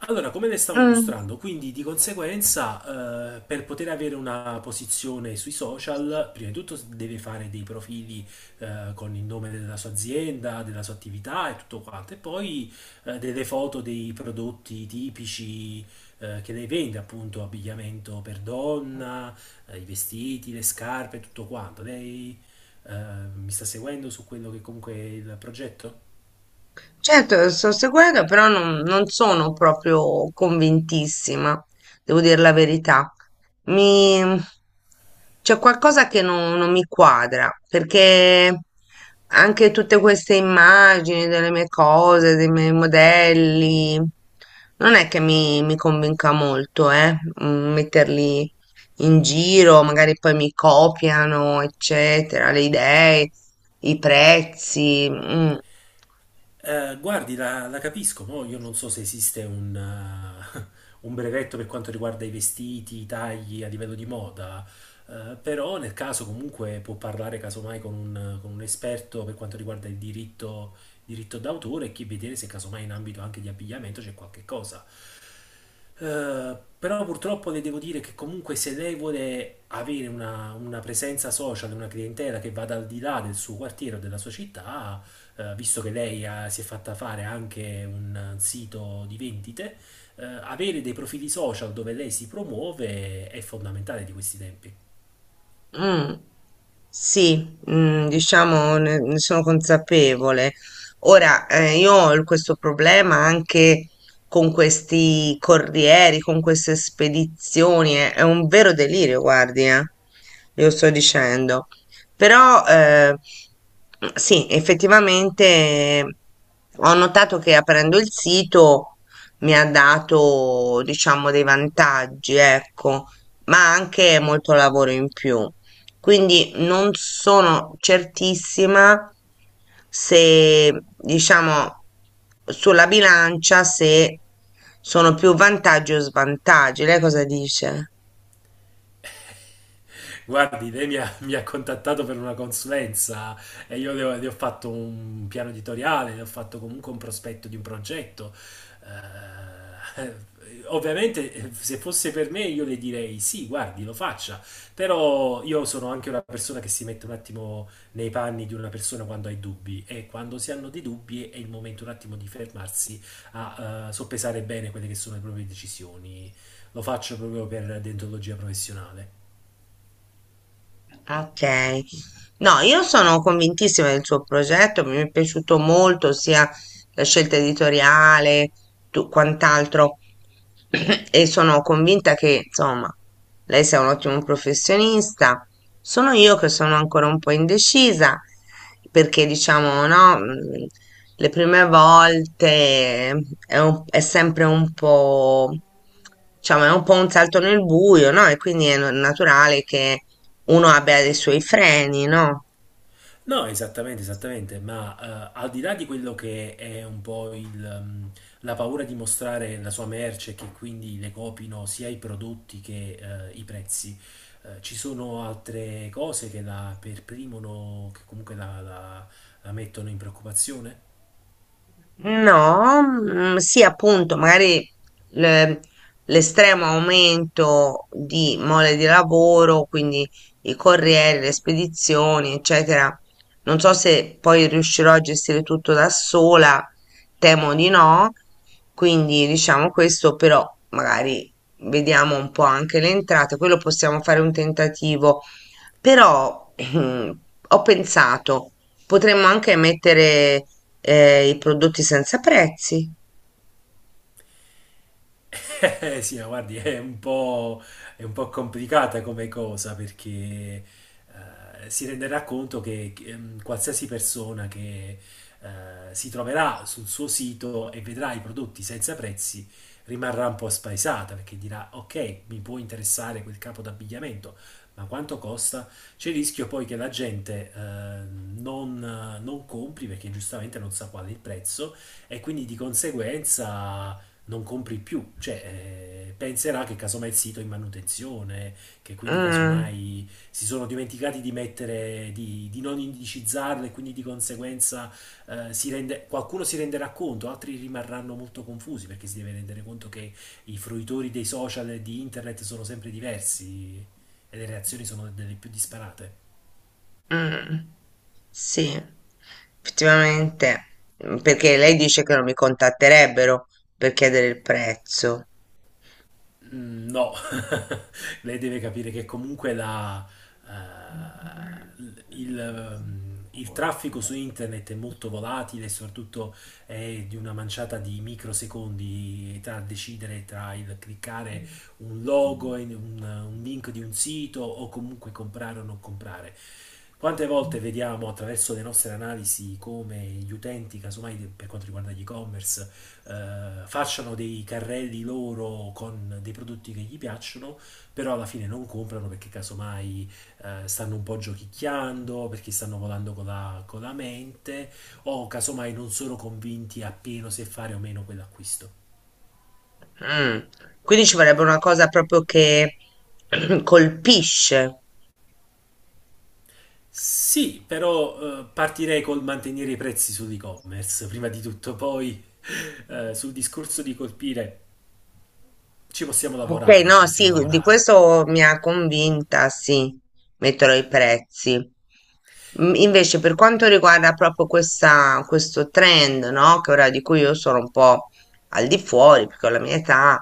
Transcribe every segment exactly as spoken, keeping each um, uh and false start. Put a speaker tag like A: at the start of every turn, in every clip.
A: Allora, come le stavo
B: Mm,
A: illustrando, quindi di conseguenza, eh, per poter avere una posizione sui social, prima di tutto s- deve fare dei profili, eh, con il nome della sua azienda, della sua attività e tutto quanto, e poi, eh, delle foto dei prodotti tipici, eh, che lei vende, appunto, abbigliamento per donna, eh, i vestiti, le scarpe, tutto quanto. Lei, eh, mi sta seguendo su quello che comunque è il progetto?
B: certo, lo sto seguendo, però non, non sono proprio convintissima, devo dire la verità. Mi... C'è qualcosa che non, non mi quadra, perché anche tutte queste immagini delle mie cose, dei miei modelli, non è che mi, mi convinca molto, eh, mm, metterli in giro, magari poi mi copiano, eccetera, le idee, i prezzi. Mm.
A: Eh, guardi, la, la capisco, mo io non so se esiste un, eh, un brevetto per quanto riguarda i vestiti, i tagli a livello di moda, eh, però nel caso comunque può parlare casomai con un, con un esperto per quanto riguarda il diritto, diritto d'autore e chi- vedere se casomai in ambito anche di abbigliamento c'è qualche cosa. Eh, però purtroppo le devo dire che comunque se lei vuole avere una, una presenza social, una clientela che vada al di là del suo quartiere o della sua città, eh, visto che lei ha- si è fatta fare anche un sito di vendite, eh, avere dei profili social dove lei si promuove è fondamentale di questi tempi.
B: Mm, sì, mm, diciamo ne, ne sono consapevole. Ora, eh, io ho il- questo problema anche con questi corrieri, con queste spedizioni, è, è un vero delirio, guardi, eh, glielo sto dicendo. Però, eh, sì, effettivamente ho notato che aprendo il sito mi ha dato, diciamo, dei vantaggi, ecco, ma anche molto lavoro in più. Quindi non sono certissima se, diciamo, sulla bilancia se sono più vantaggi o svantaggi. Lei cosa dice?
A: Guardi, lei mi ha, mi ha contattato per una consulenza e io le ho, le ho fatto un piano editoriale, le ho fatto comunque un prospetto di un progetto. Eh, ovviamente, eh, se fosse per me, io le direi sì, guardi, lo faccia. Però io sono anche una persona che si mette un attimo nei panni di una persona quando ha i dubbi e quando si hanno dei dubbi è il momento un attimo di fermarsi a eh, soppesare bene quelle che sono le proprie decisioni. Lo faccio proprio per dentologia professionale.
B: Ok. No, io sono convintissima del suo progetto, mi è piaciuto molto sia la scelta editoriale, tu- quant'altro, e sono convinta che, insomma, lei sia un ottimo professionista. Sono io che sono ancora un po' indecisa, perché diciamo, no, mm, le prime volte è, un- è sempre un po', diciamo, è un po' un salto nel buio, no? E quindi è no- naturale che uno abbia dei suoi freni, no?
A: No, esattamente, esattamente, ma eh, al di là di quello che è un po' il, ehm, la paura di mostrare la sua merce, e che quindi le copino sia i prodotti che eh, i prezzi, eh, ci sono altre cose che la perprimono, che comunque la, la la mettono in preoccupazione?
B: No, mm, sì, appunto, magari le- l'estremo aumento di mole di lavoro, quindi i corrieri, le spedizioni, eccetera. Non so se poi riuscirò a gestire tutto da sola, temo di no. Quindi diciamo questo, però magari vediamo un po' anche le entrate, quello possiamo fare un tentativo. Però ho pensato. Potremmo anche mettere eh, i prodotti senza prezzi.
A: Eh, sì, ma guardi, è un po', è un po' complicata come cosa perché eh, si renderà conto che che, ehm, qualsiasi persona che eh, si troverà sul suo sito e vedrà i prodotti senza prezzi rimarrà un po' spaesata perché dirà: Ok, mi può interessare quel capo d'abbigliamento, ma quanto costa? C'è il rischio poi che la gente eh, non, non compri perché giustamente non sa qual è il prezzo e quindi di conseguenza non compri più, cioè eh, penserà che casomai il sito è in manutenzione, che quindi
B: Mm,
A: casomai si sono dimenticati di mettere, di, di non indicizzarlo e quindi di conseguenza eh, si rende- qualcuno si renderà conto, altri rimarranno molto confusi perché si deve rendere conto che i fruitori dei social e di internet sono sempre diversi e le reazioni sono delle più disparate.
B: mm, sì, effettivamente. Mm, perché lei dice che non mi contatterebbero per chiedere il prezzo.
A: Mm, no, lei deve capire che comunque la, eh, il, mm, il traffico su internet è molto volatile e soprattutto è di una manciata di microsecondi tra decidere tra il cliccare un logo, in un, un link di un sito o comunque comprare o non comprare. Quante volte vediamo attraverso le nostre analisi come gli utenti, casomai de- per quanto riguarda gli e-commerce, eh, facciano dei carrelli loro con dei prodotti che gli piacciono però alla fine non comprano perché casomai eh, stanno un po' giochicchiando, perché stanno volando con la, con la mente, o casomai non sono convinti appieno se fare o meno quell'acquisto.
B: Mm. Quindi ci vorrebbe una cosa proprio che colpisce.
A: Sì, però eh, partirei col mantenere i prezzi sull'e-commerce, prima di tutto, poi eh, sul discorso di colpire ci possiamo
B: Ok,
A: lavorare, ci
B: no,
A: possiamo
B: sì, di
A: lavorare.
B: questo mi ha convinta, sì, metterò i prezzi. Mm. Invece, per quanto riguarda proprio questa, questo trend, no, che ora di cui io sono un po' al di fuori, perché ho la mia età,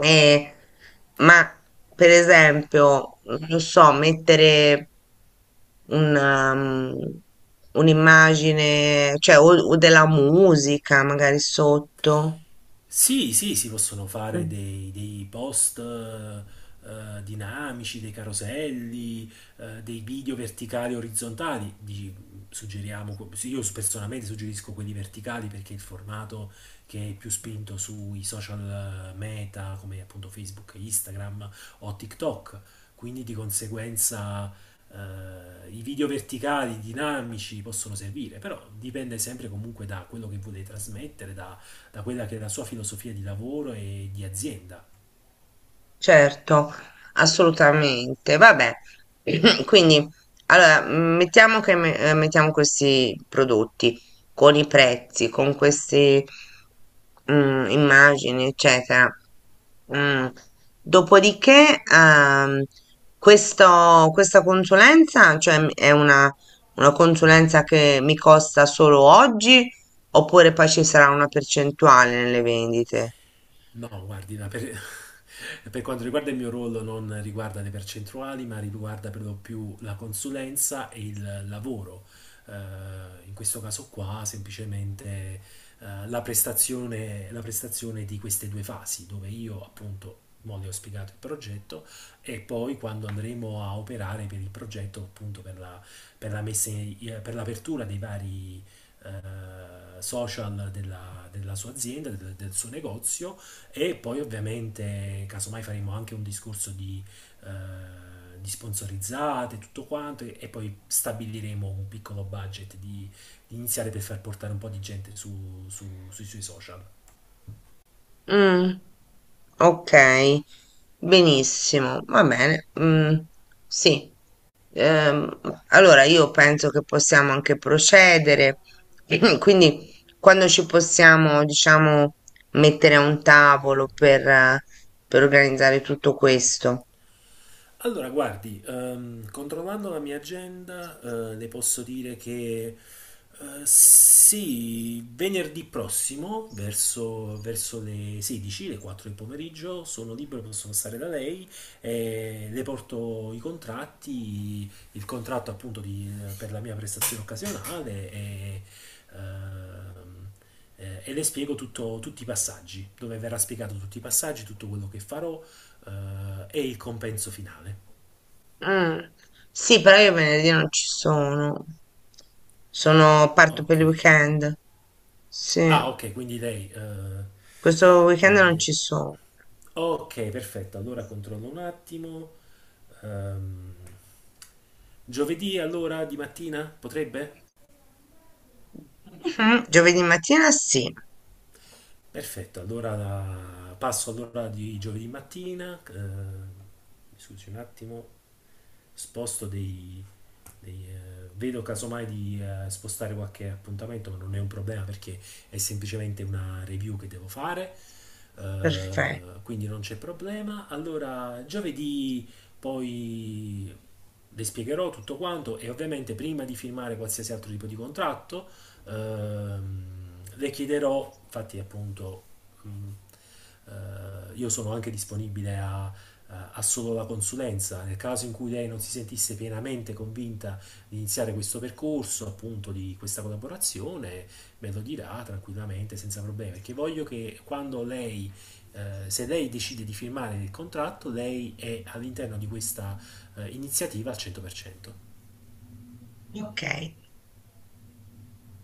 B: eh, ma per esempio, non so, mettere un, um, un'immagine, cioè o o della musica magari sotto.
A: Sì, sì, si possono fare
B: Mm.
A: dei, dei post eh, eh, dinamici, dei caroselli, eh, dei video verticali e orizzontali. Di- suggeriamo, que- sì, io personalmente suggerisco quelli verticali perché è il formato che è più spinto sui social eh, meta come appunto Facebook, Instagram o TikTok. Quindi di conseguenza eh, i video verticali dinamici possono servire, però dipende sempre comunque da quello che volete trasmettere, da quella che è la sua filosofia di lavoro e di azienda.
B: Certo, assolutamente. Vabbè, quindi allora mm, mettiamo che me- eh, mettiamo questi prodotti con i prezzi, con queste mm, immagini, eccetera. Mm. Dopodiché, ehm, questo- questa consulenza, cioè m- è una, una consulenza che mi costa solo oggi, oppure poi ci sarà una percentuale nelle vendite?
A: No, guardi, ma per, per quanto riguarda il mio ruolo non riguarda le percentuali, ma riguarda per lo più la consulenza e il lavoro. Eh, in questo caso qua, semplicemente eh, la prestazione, la prestazione di queste due fasi, dove io appunto mo le ho spiegato il progetto e poi quando andremo a operare per il progetto, appunto per la, per la messa in- eh, per l'apertura dei vari eh, social della, della sua azienda, del del suo negozio e poi ovviamente, casomai faremo anche un discorso di, eh, di sponsorizzate, tutto quanto, e, e poi stabiliremo un piccolo budget di, di iniziare per far portare un po' di gente su- su- sui suoi social.
B: Mm, ok, benissimo, va bene. Mm, sì. Ehm, allora io penso che possiamo anche procedere, quindi quando ci possiamo, diciamo, mettere a un tavolo per, eh, per organizzare tutto questo.
A: Allora, guardi, ehm, controllando la mia agenda, eh, le posso dire che Eh, sì, venerdì prossimo, verso, verso le sedici, le quattro del pomeriggio, sono libero, posso passare da lei, e le porto i contratti, il contratto appunto di- per la mia prestazione occasionale e, ehm, eh, e le spiego tutto- tutti i passaggi, dove verrà spiegato tutti i passaggi, tutto quello che farò eh, e il compenso finale.
B: Mm, sì, però io venerdì non ci sono, sono, parto per
A: Ok.
B: il weekend. Sì,
A: Ah, ok, quindi lei... eh,
B: questo
A: devo
B: weekend non ci
A: vedere.
B: sono.
A: Ok, perfetto. Allora controllo un attimo. Ehm, giovedì allora di mattina potrebbe?
B: Mhm. Giovedì mattina sì,
A: Perfetto, allora la- passo all'ora di giovedì mattina. Eh, mi scusi un attimo. Sposto dei, dei, eh, vedo casomai di eh, spostare qualche appuntamento, ma non è un problema perché è semplicemente una review che devo fare,
B: perfetto,
A: eh, quindi non c'è problema. Allora, giovedì poi le spiegherò tutto quanto e ovviamente prima di firmare qualsiasi altro tipo di contratto ehm, le chiederò, infatti appunto mh, eh, io sono anche disponibile a eh, ha solo la consulenza, nel caso in cui lei non si sentisse pienamente convinta di iniziare questo percorso, appunto di questa collaborazione, me lo dirà tranquillamente, senza problemi, perché voglio che quando lei, eh, se lei decide di firmare il contratto, lei è all'interno di questa eh, iniziativa al cento per cento.
B: ok.